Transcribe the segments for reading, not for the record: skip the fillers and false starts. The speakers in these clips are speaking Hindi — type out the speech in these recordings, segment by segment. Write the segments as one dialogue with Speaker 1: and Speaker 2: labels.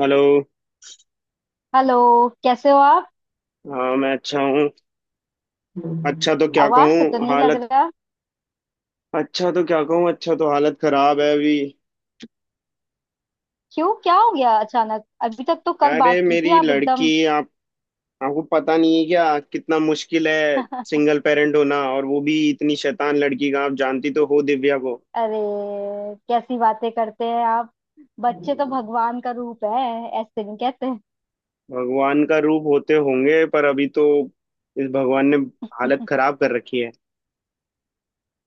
Speaker 1: हेलो।
Speaker 2: हेलो। कैसे हो आप?
Speaker 1: हाँ मैं अच्छा हूँ। अच्छा तो क्या
Speaker 2: आवाज से तो
Speaker 1: कहूँ
Speaker 2: नहीं लग
Speaker 1: हालत।
Speaker 2: रहा।
Speaker 1: अच्छा तो क्या कहूँ, अच्छा तो हालत खराब है अभी।
Speaker 2: क्यों? क्या हो गया अचानक? अभी तक तो कल
Speaker 1: अरे
Speaker 2: बात की थी,
Speaker 1: मेरी
Speaker 2: आप
Speaker 1: लड़की।
Speaker 2: एकदम।
Speaker 1: आप। आपको पता नहीं है क्या। कितना मुश्किल है। सिंगल पेरेंट होना और वो भी इतनी शैतान लड़की का। आप जानती तो हो दिव्या को।
Speaker 2: अरे, कैसी बातें करते हैं आप। बच्चे तो भगवान का रूप है, ऐसे नहीं कहते।
Speaker 1: भगवान का रूप होते होंगे पर अभी तो इस भगवान ने हालत खराब कर रखी है।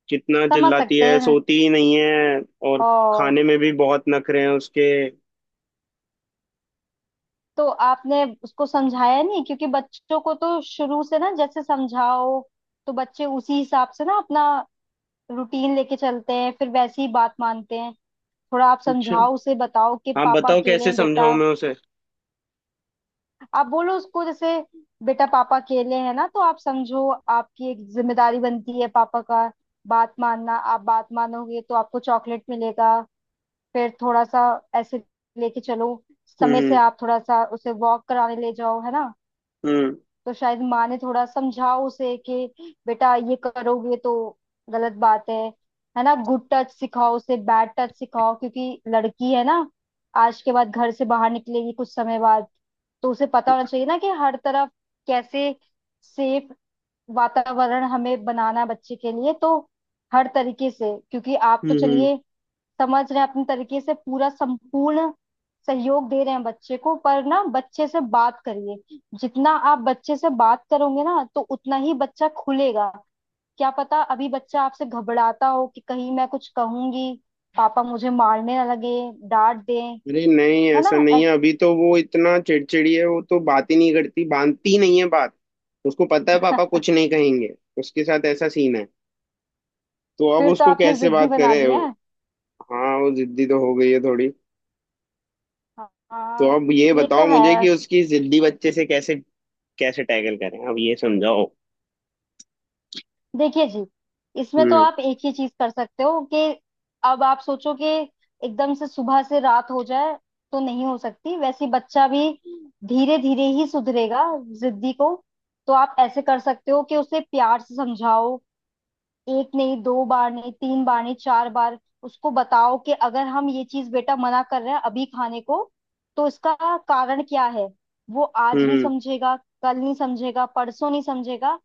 Speaker 1: कितना
Speaker 2: समझ
Speaker 1: चिल्लाती
Speaker 2: सकते
Speaker 1: है,
Speaker 2: हैं।
Speaker 1: सोती ही नहीं है। और
Speaker 2: और।
Speaker 1: खाने में भी बहुत नखरे हैं उसके।
Speaker 2: तो आपने उसको समझाया नहीं? क्योंकि बच्चों को तो शुरू से ना, जैसे समझाओ तो बच्चे उसी हिसाब से ना अपना रूटीन लेके चलते हैं, फिर वैसी ही बात मानते हैं। थोड़ा आप
Speaker 1: अच्छा
Speaker 2: समझाओ उसे, बताओ कि
Speaker 1: आप
Speaker 2: पापा
Speaker 1: बताओ
Speaker 2: अकेले
Speaker 1: कैसे
Speaker 2: हैं
Speaker 1: समझाऊं
Speaker 2: बेटा।
Speaker 1: मैं उसे।
Speaker 2: आप बोलो उसको, जैसे बेटा पापा अकेले हैं ना, तो आप समझो आपकी एक जिम्मेदारी बनती है, पापा का बात मानना। आप बात मानोगे तो आपको चॉकलेट मिलेगा। फिर थोड़ा सा ऐसे लेके चलो।
Speaker 1: हम्म
Speaker 2: समय से
Speaker 1: हम्म।
Speaker 2: आप थोड़ा सा उसे वॉक कराने ले जाओ, है ना।
Speaker 1: हम्म।
Speaker 2: तो शायद माँ ने थोड़ा समझाओ उसे कि बेटा ये करोगे तो गलत बात है ना। गुड टच सिखाओ उसे, बैड टच सिखाओ, क्योंकि लड़की है ना। आज के बाद घर से बाहर निकलेगी कुछ समय बाद, तो उसे पता होना चाहिए ना कि हर तरफ कैसे सेफ वातावरण हमें बनाना है बच्चे के लिए, तो हर तरीके से। क्योंकि आप तो
Speaker 1: हम्म हम्म।
Speaker 2: चलिए, समझ रहे हैं अपने तरीके से पूरा संपूर्ण सहयोग दे रहे हैं बच्चे को। पर ना बच्चे से बात करिए, जितना आप बच्चे से बात करोगे ना, तो उतना ही बच्चा खुलेगा। क्या पता अभी बच्चा आपसे घबराता हो कि कहीं मैं कुछ कहूंगी, पापा मुझे मारने ना लगे, डांट दें।
Speaker 1: अरे नहीं
Speaker 2: है
Speaker 1: ऐसा
Speaker 2: ना,
Speaker 1: नहीं है, अभी तो वो इतना चिड़चिड़ी है, वो तो बात ही नहीं करती, बांधती ही नहीं है बात। उसको पता है पापा कुछ नहीं कहेंगे। उसके साथ ऐसा सीन है। तो अब
Speaker 2: फिर तो
Speaker 1: उसको
Speaker 2: आपने
Speaker 1: कैसे
Speaker 2: जिद्दी
Speaker 1: बात
Speaker 2: बना
Speaker 1: करे।
Speaker 2: दिया है।
Speaker 1: हाँ वो जिद्दी तो हो गई है थोड़ी। तो
Speaker 2: हाँ,
Speaker 1: अब ये
Speaker 2: ये तो
Speaker 1: बताओ मुझे
Speaker 2: है।
Speaker 1: कि उसकी जिद्दी बच्चे से कैसे। कैसे टैकल करें, अब ये समझाओ।
Speaker 2: देखिए जी, इसमें तो
Speaker 1: हम्म।
Speaker 2: आप एक ही चीज कर सकते हो कि अब आप सोचो कि एकदम से सुबह से रात हो जाए तो नहीं हो सकती, वैसे बच्चा भी धीरे धीरे ही सुधरेगा जिद्दी को। तो आप ऐसे कर सकते हो कि उसे प्यार से समझाओ। एक नहीं, 2 बार नहीं, 3 बार नहीं, 4 बार उसको बताओ कि अगर हम ये चीज बेटा मना कर रहे हैं अभी खाने को, तो इसका कारण क्या है। वो आज नहीं
Speaker 1: हम्म।
Speaker 2: समझेगा, कल नहीं समझेगा, परसों नहीं समझेगा,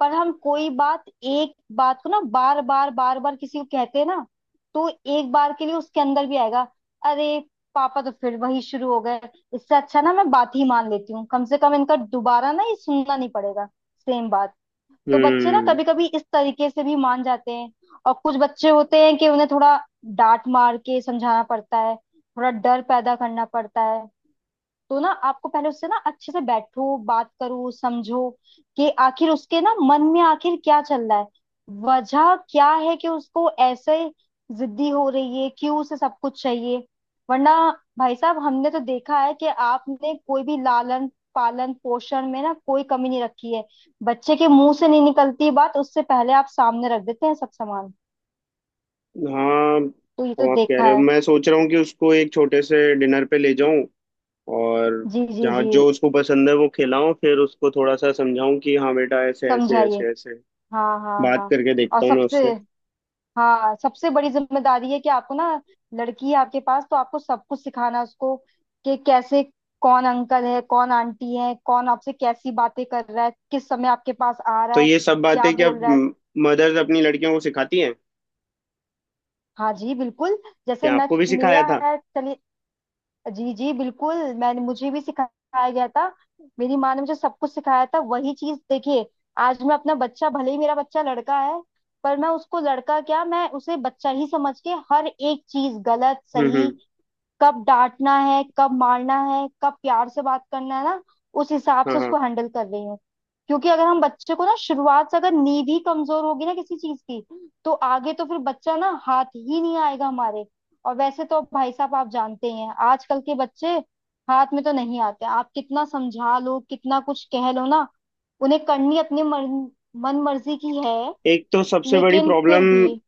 Speaker 2: पर हम कोई बात, एक बात को ना बार बार बार बार किसी को कहते हैं ना, तो एक बार के लिए उसके अंदर भी आएगा। अरे पापा तो फिर वही शुरू हो गए। इससे अच्छा ना मैं बात ही मान लेती हूँ, कम से कम इनका दोबारा ना ये सुनना नहीं पड़ेगा। सेम बात। तो बच्चे ना
Speaker 1: हम्म।
Speaker 2: कभी कभी इस तरीके से भी मान जाते हैं। और कुछ बच्चे होते हैं कि उन्हें थोड़ा डांट मार के समझाना पड़ता है, थोड़ा डर पैदा करना पड़ता है। तो ना आपको पहले उससे ना अच्छे से बैठो, बात करो, समझो कि आखिर उसके ना मन में आखिर क्या चल रहा है। वजह क्या है कि उसको ऐसे जिद्दी हो रही है, क्यों उसे सब कुछ चाहिए। वरना भाई साहब, हमने तो देखा है कि आपने कोई भी लालन पालन पोषण में ना कोई कमी नहीं रखी है। बच्चे के मुंह से नहीं निकलती बात, उससे पहले आप सामने रख देते हैं सब सामान।
Speaker 1: हाँ।
Speaker 2: तो ये
Speaker 1: अब
Speaker 2: तो
Speaker 1: आप कह
Speaker 2: देखा
Speaker 1: रहे हो,
Speaker 2: है।
Speaker 1: मैं सोच रहा हूँ कि उसको एक छोटे से डिनर पे ले जाऊं। और
Speaker 2: जी जी
Speaker 1: जहाँ
Speaker 2: जी।
Speaker 1: जो उसको पसंद है वो खिलाऊं, फिर उसको थोड़ा सा समझाऊं कि हाँ बेटा ऐसे ऐसे
Speaker 2: समझाइए।
Speaker 1: ऐसे ऐसे।
Speaker 2: हाँ हाँ
Speaker 1: बात
Speaker 2: हाँ।
Speaker 1: करके
Speaker 2: और
Speaker 1: देखता हूँ मैं
Speaker 2: सबसे
Speaker 1: उससे।
Speaker 2: हाँ, सबसे बड़ी जिम्मेदारी है कि आपको ना, लड़की है आपके पास तो आपको सब कुछ सिखाना है उसको कि कैसे, कौन अंकल है, कौन आंटी है, कौन आपसे कैसी बातें कर रहा है, किस समय आपके पास आ
Speaker 1: तो
Speaker 2: रहा है,
Speaker 1: ये सब
Speaker 2: क्या
Speaker 1: बातें क्या
Speaker 2: बोल रहा है।
Speaker 1: मदर्स अपनी लड़कियों को सिखाती हैं।
Speaker 2: हाँ जी, बिल्कुल। जैसे
Speaker 1: क्या
Speaker 2: मैं,
Speaker 1: आपको भी सिखाया
Speaker 2: मेरा
Speaker 1: था।
Speaker 2: है चलिए, जी जी बिल्कुल। मैंने मुझे भी सिखाया गया था। मेरी माँ ने मुझे सब कुछ सिखाया था, वही चीज देखिए। आज मैं अपना बच्चा, भले ही मेरा बच्चा लड़का है, पर मैं उसको लड़का क्या, मैं उसे बच्चा ही समझ के हर एक चीज गलत सही,
Speaker 1: हम्म।
Speaker 2: कब डांटना है, कब मारना है, कब प्यार से बात करना है ना, उस हिसाब
Speaker 1: हाँ
Speaker 2: से
Speaker 1: हाँ।
Speaker 2: उसको हैंडल कर रही हूँ। क्योंकि अगर हम बच्चे को ना शुरुआत से, अगर नींव ही कमजोर होगी ना किसी चीज की, तो आगे तो फिर बच्चा ना हाथ ही नहीं आएगा हमारे। और वैसे तो भाई साहब, आप जानते ही हैं आजकल के बच्चे हाथ में तो नहीं आते। आप कितना समझा लो, कितना कुछ कह लो ना, उन्हें करनी अपनी मन मन मर्जी की है।
Speaker 1: एक तो सबसे बड़ी
Speaker 2: लेकिन
Speaker 1: प्रॉब्लम
Speaker 2: फिर भी।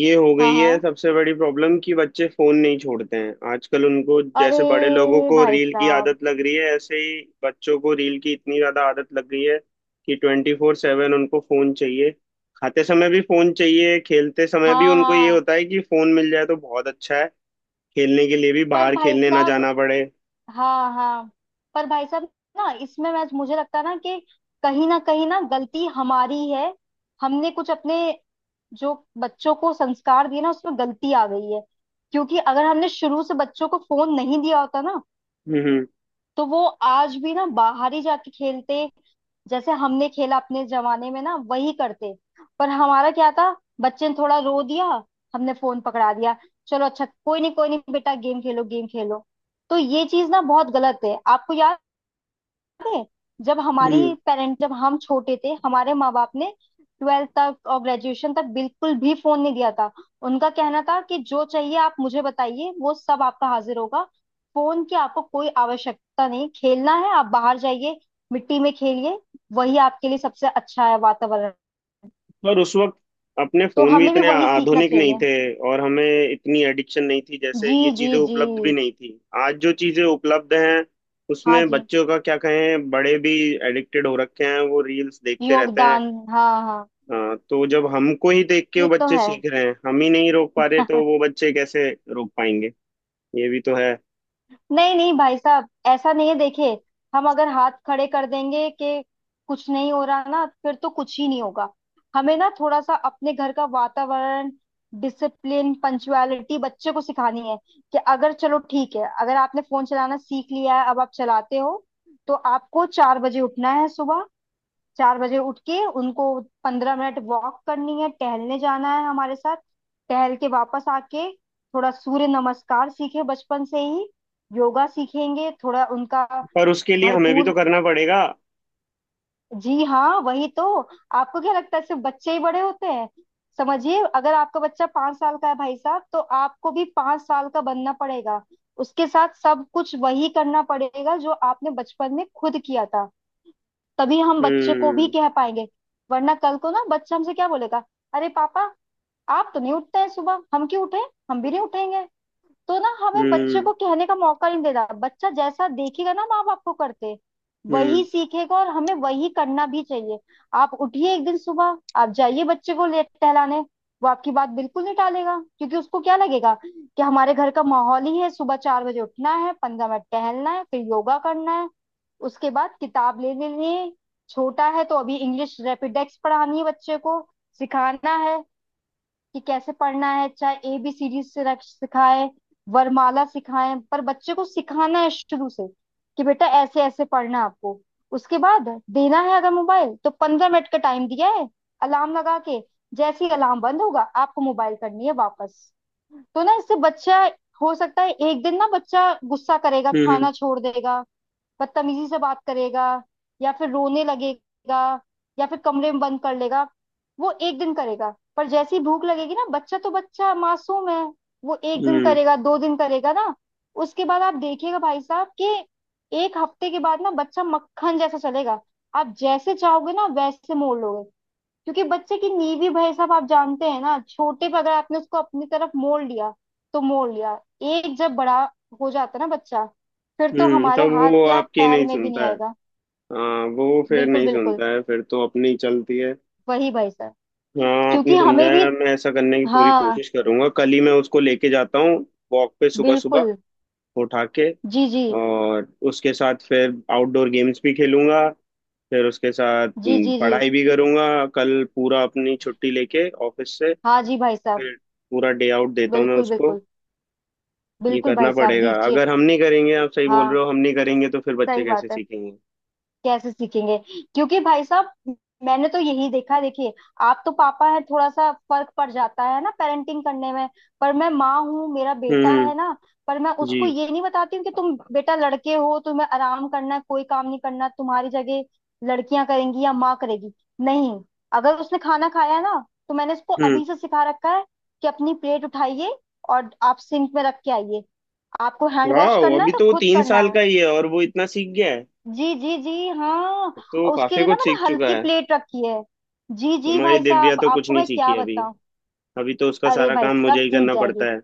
Speaker 1: ये हो
Speaker 2: हाँ
Speaker 1: गई है,
Speaker 2: हाँ।
Speaker 1: सबसे बड़ी प्रॉब्लम कि बच्चे फोन नहीं छोड़ते हैं आजकल। उनको जैसे बड़े लोगों
Speaker 2: अरे
Speaker 1: को
Speaker 2: भाई
Speaker 1: रील की
Speaker 2: साहब।
Speaker 1: आदत लग रही है, ऐसे ही बच्चों को रील की इतनी ज्यादा आदत लग गई है कि 24/7 उनको फोन चाहिए। खाते समय भी फोन चाहिए, खेलते समय भी
Speaker 2: हाँ
Speaker 1: उनको ये
Speaker 2: हाँ,
Speaker 1: होता है कि फोन मिल जाए तो बहुत अच्छा है। खेलने के लिए भी
Speaker 2: पर
Speaker 1: बाहर
Speaker 2: भाई
Speaker 1: खेलने ना
Speaker 2: साहब।
Speaker 1: जाना पड़े।
Speaker 2: हाँ हाँ, पर भाई साहब, ना इसमें, मैं मुझे लगता है ना कि कहीं ना गलती हमारी है। हमने कुछ अपने, जो बच्चों को संस्कार दिए ना, उसमें गलती आ गई है। क्योंकि अगर हमने शुरू से बच्चों को फोन नहीं दिया होता ना,
Speaker 1: हम्म
Speaker 2: तो वो आज भी ना बाहर ही जाके खेलते, जैसे हमने खेला अपने जमाने में ना, वही करते। पर हमारा क्या था, बच्चे ने थोड़ा रो दिया, हमने फोन पकड़ा दिया, चलो अच्छा, कोई नहीं बेटा, गेम खेलो गेम खेलो। तो ये चीज ना बहुत गलत है। आपको याद है? जब
Speaker 1: हम्म।
Speaker 2: हमारी पेरेंट जब हम छोटे थे, हमारे माँ बाप ने 12th तक और ग्रेजुएशन तक बिल्कुल भी फोन नहीं दिया था। उनका कहना था कि जो चाहिए आप मुझे बताइए, वो सब आपका हाजिर होगा, फोन की आपको कोई आवश्यकता नहीं। खेलना है आप बाहर जाइए, मिट्टी में खेलिए, वही आपके लिए सबसे अच्छा है वातावरण।
Speaker 1: और उस वक्त अपने
Speaker 2: तो
Speaker 1: फोन भी
Speaker 2: हमें भी
Speaker 1: इतने
Speaker 2: वही सीखना
Speaker 1: आधुनिक नहीं
Speaker 2: चाहिए।
Speaker 1: थे। और हमें इतनी एडिक्शन नहीं थी, जैसे
Speaker 2: जी
Speaker 1: ये
Speaker 2: जी
Speaker 1: चीजें
Speaker 2: जी।
Speaker 1: उपलब्ध भी नहीं थी। आज जो चीजें उपलब्ध हैं
Speaker 2: हाँ
Speaker 1: उसमें
Speaker 2: जी,
Speaker 1: बच्चों का क्या कहें, बड़े भी एडिक्टेड हो रखे हैं, वो रील्स देखते रहते हैं।
Speaker 2: योगदान। हाँ हाँ,
Speaker 1: हाँ, तो जब हमको ही देख के वो
Speaker 2: ये तो
Speaker 1: बच्चे
Speaker 2: है।
Speaker 1: सीख रहे हैं, हम ही नहीं रोक पा रहे, तो वो बच्चे कैसे रोक पाएंगे। ये भी तो है।
Speaker 2: नहीं नहीं भाई साहब, ऐसा नहीं है, देखिए। हम अगर हाथ खड़े कर देंगे कि कुछ नहीं हो रहा ना, फिर तो कुछ ही नहीं होगा। हमें ना थोड़ा सा अपने घर का वातावरण, डिसिप्लिन, पंचुअलिटी बच्चे को सिखानी है कि अगर, चलो ठीक है, अगर आपने फोन चलाना सीख लिया है, अब आप चलाते हो, तो आपको 4 बजे उठना है सुबह। चार बजे उठ के उनको 15 मिनट वॉक करनी है, टहलने जाना है हमारे साथ। टहल के वापस आके थोड़ा सूर्य नमस्कार सीखे बचपन से ही, योगा सीखेंगे थोड़ा उनका
Speaker 1: पर उसके लिए हमें भी तो
Speaker 2: भरपूर।
Speaker 1: करना पड़ेगा।
Speaker 2: जी हाँ वही तो। आपको क्या लगता है सिर्फ बच्चे ही बड़े होते हैं? समझिए, अगर आपका बच्चा 5 साल का है भाई साहब, तो आपको भी 5 साल का बनना पड़ेगा। उसके साथ सब कुछ वही करना पड़ेगा जो आपने बचपन में खुद किया था। तभी हम बच्चे को भी
Speaker 1: हम्म
Speaker 2: कह पाएंगे। वरना कल को ना बच्चा हमसे क्या बोलेगा, अरे पापा, आप तो नहीं उठते हैं सुबह, हम क्यों उठे, हम भी नहीं उठेंगे। तो ना हमें बच्चे
Speaker 1: हम्म
Speaker 2: को कहने का मौका नहीं देना। बच्चा जैसा देखेगा ना माँ बाप को करते, वही
Speaker 1: हम्म
Speaker 2: सीखेगा, और हमें वही करना भी चाहिए। आप उठिए एक दिन सुबह, आप जाइए बच्चे को ले टहलाने। वो आपकी बात बिल्कुल नहीं टालेगा, क्योंकि उसको क्या लगेगा कि हमारे घर का माहौल ही है, सुबह 4 बजे उठना है, 15 मिनट टहलना है, फिर योगा करना है, उसके बाद किताब ले लेनी है। छोटा है तो अभी इंग्लिश रैपिडेक्स पढ़ानी है बच्चे को, सिखाना है कि कैसे पढ़ना है, चाहे ए बी सीरीज से सिखाएं, वरमाला सिखाएं, पर बच्चे को सिखाना है शुरू से कि बेटा ऐसे ऐसे पढ़ना है आपको। उसके बाद देना है अगर मोबाइल, तो 15 मिनट का टाइम दिया है, अलार्म लगा के। जैसे ही अलार्म बंद होगा आपको मोबाइल करनी है वापस। तो ना इससे बच्चा, हो सकता है एक दिन ना बच्चा गुस्सा करेगा,
Speaker 1: हम्म।
Speaker 2: खाना छोड़ देगा, बदतमीजी से बात करेगा, या फिर रोने लगेगा, या फिर कमरे में बंद कर लेगा। वो एक दिन करेगा, पर जैसे ही भूख लगेगी ना, बच्चा तो बच्चा, मासूम है। वो एक दिन
Speaker 1: हम्म
Speaker 2: करेगा, 2 दिन करेगा ना। उसके बाद आप देखिएगा भाई साहब कि एक हफ्ते के बाद ना बच्चा मक्खन जैसा चलेगा। आप जैसे चाहोगे ना वैसे मोड़ लोगे। क्योंकि बच्चे की नींव ही, भाई साहब आप जानते हैं ना, छोटे पे अगर आपने उसको अपनी तरफ मोड़ लिया, तो मोड़ लिया। एक जब बड़ा हो जाता ना बच्चा, फिर तो हमारे
Speaker 1: तब
Speaker 2: हाथ
Speaker 1: वो
Speaker 2: क्या
Speaker 1: आपकी
Speaker 2: पैर
Speaker 1: नहीं
Speaker 2: में भी नहीं
Speaker 1: सुनता।
Speaker 2: आएगा।
Speaker 1: हाँ वो फिर
Speaker 2: बिल्कुल
Speaker 1: नहीं
Speaker 2: बिल्कुल,
Speaker 1: सुनता है, फिर तो अपनी चलती है।
Speaker 2: वही भाई साहब।
Speaker 1: हाँ आपने
Speaker 2: क्योंकि हमें
Speaker 1: समझाया,
Speaker 2: भी,
Speaker 1: मैं ऐसा करने की पूरी
Speaker 2: हाँ,
Speaker 1: कोशिश करूंगा, कल ही मैं उसको लेके जाता हूँ। वॉक पे सुबह सुबह
Speaker 2: बिल्कुल।
Speaker 1: उठा के।
Speaker 2: जी जी
Speaker 1: और उसके साथ फिर आउटडोर गेम्स भी खेलूंगा, फिर उसके साथ
Speaker 2: जी। जी जी।
Speaker 1: पढ़ाई भी करूंगा, कल पूरा अपनी छुट्टी लेके ऑफिस से।
Speaker 2: हाँ जी भाई साहब।
Speaker 1: फिर पूरा डे आउट देता हूँ मैं
Speaker 2: बिल्कुल
Speaker 1: उसको।
Speaker 2: बिल्कुल,
Speaker 1: ये
Speaker 2: बिल्कुल
Speaker 1: करना
Speaker 2: भाई साहब
Speaker 1: पड़ेगा,
Speaker 2: दीजिए।
Speaker 1: अगर हम नहीं करेंगे, आप सही बोल रहे
Speaker 2: हाँ,
Speaker 1: हो, हम नहीं करेंगे तो फिर बच्चे
Speaker 2: सही
Speaker 1: कैसे
Speaker 2: बात है,
Speaker 1: सीखेंगे।
Speaker 2: कैसे सीखेंगे? क्योंकि भाई साहब, मैंने तो यही देखा है, देखिए, आप तो पापा हैं, थोड़ा सा फर्क पड़ जाता है ना पेरेंटिंग करने में। पर मैं माँ हूँ, मेरा बेटा
Speaker 1: हम्म।
Speaker 2: है ना। पर मैं
Speaker 1: जी।
Speaker 2: उसको ये नहीं बताती हूँ कि तुम बेटा लड़के हो, तुम्हें आराम करना है, कोई काम नहीं करना, तुम्हारी जगह लड़कियां करेंगी या माँ करेगी। नहीं, अगर उसने खाना खाया है ना, तो मैंने उसको
Speaker 1: हम्म।
Speaker 2: अभी से सिखा रखा है कि अपनी प्लेट उठाइए और आप सिंक में रख के आइए। आपको हैंड वॉश
Speaker 1: वाह
Speaker 2: करना है
Speaker 1: अभी
Speaker 2: तो
Speaker 1: तो वो
Speaker 2: खुद
Speaker 1: तीन
Speaker 2: करना
Speaker 1: साल
Speaker 2: है।
Speaker 1: का ही है और वो इतना सीख गया है।
Speaker 2: जी जी जी। हाँ।
Speaker 1: अब तो वो
Speaker 2: और उसके
Speaker 1: काफी
Speaker 2: लिए ना
Speaker 1: कुछ
Speaker 2: मैंने
Speaker 1: सीख चुका
Speaker 2: हल्की
Speaker 1: है।
Speaker 2: प्लेट रखी है। जी जी
Speaker 1: हमारी
Speaker 2: भाई
Speaker 1: दिव्या
Speaker 2: साहब,
Speaker 1: तो कुछ
Speaker 2: आपको
Speaker 1: नहीं
Speaker 2: मैं
Speaker 1: सीखी
Speaker 2: क्या
Speaker 1: अभी।
Speaker 2: बताऊं।
Speaker 1: अभी तो उसका
Speaker 2: अरे
Speaker 1: सारा
Speaker 2: भाई
Speaker 1: काम
Speaker 2: साहब,
Speaker 1: मुझे ही
Speaker 2: सीख
Speaker 1: करना
Speaker 2: जाएगी।
Speaker 1: पड़ता है।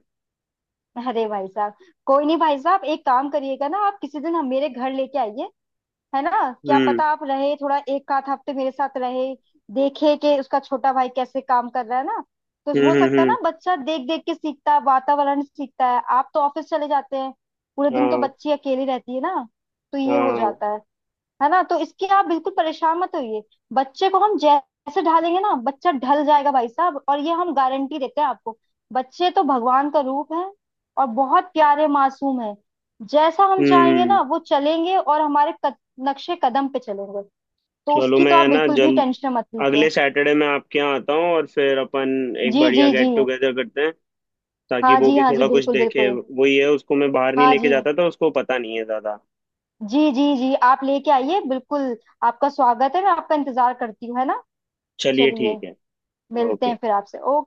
Speaker 2: अरे भाई साहब, कोई नहीं भाई साहब, एक काम करिएगा ना, आप किसी दिन हम मेरे घर लेके आइए, है ना। क्या
Speaker 1: हम्म
Speaker 2: पता आप रहे थोड़ा एक आध हफ्ते मेरे साथ, रहे देखे कि उसका छोटा भाई कैसे काम कर रहा है ना। तो
Speaker 1: हम्म
Speaker 2: हो
Speaker 1: हम्म
Speaker 2: सकता है
Speaker 1: हम्म,
Speaker 2: ना, बच्चा देख देख के सीखता है, वातावरण से सीखता है। आप तो ऑफिस चले जाते हैं, पूरे दिन तो
Speaker 1: हाँ
Speaker 2: बच्ची अकेली रहती है ना, तो ये हो
Speaker 1: हाँ,
Speaker 2: जाता है ना। तो इसकी आप बिल्कुल परेशान मत होइए। बच्चे को हम जैसे ढालेंगे ना बच्चा ढल जाएगा भाई साहब, और ये हम गारंटी देते हैं आपको। बच्चे तो भगवान का रूप है, और बहुत प्यारे मासूम है। जैसा हम
Speaker 1: हम्म
Speaker 2: चाहेंगे
Speaker 1: हम्म।
Speaker 2: ना वो चलेंगे और हमारे कद, नक्शे कदम पे चलेंगे। तो
Speaker 1: चलो
Speaker 2: उसकी
Speaker 1: मैं
Speaker 2: तो आप
Speaker 1: है ना
Speaker 2: बिल्कुल भी
Speaker 1: जल्द,
Speaker 2: टेंशन मत लीजिए।
Speaker 1: अगले सैटरडे मैं आपके यहाँ आता हूँ और फिर अपन एक
Speaker 2: जी जी
Speaker 1: बढ़िया
Speaker 2: जी।
Speaker 1: गेट टुगेदर करते हैं। ताकि
Speaker 2: हाँ
Speaker 1: वो
Speaker 2: जी,
Speaker 1: भी
Speaker 2: हाँ जी
Speaker 1: थोड़ा कुछ
Speaker 2: बिल्कुल
Speaker 1: देखे,
Speaker 2: बिल्कुल।
Speaker 1: वही है, उसको मैं बाहर नहीं
Speaker 2: हाँ
Speaker 1: लेके
Speaker 2: जी।
Speaker 1: जाता था, उसको पता नहीं है ज्यादा।
Speaker 2: जी जी जी। आप लेके आइए, बिल्कुल। आपका स्वागत है, मैं आपका इंतजार करती हूँ, है ना।
Speaker 1: चलिए
Speaker 2: चलिए।
Speaker 1: ठीक है।
Speaker 2: मिलते
Speaker 1: ओके।
Speaker 2: हैं फिर आपसे। ओके।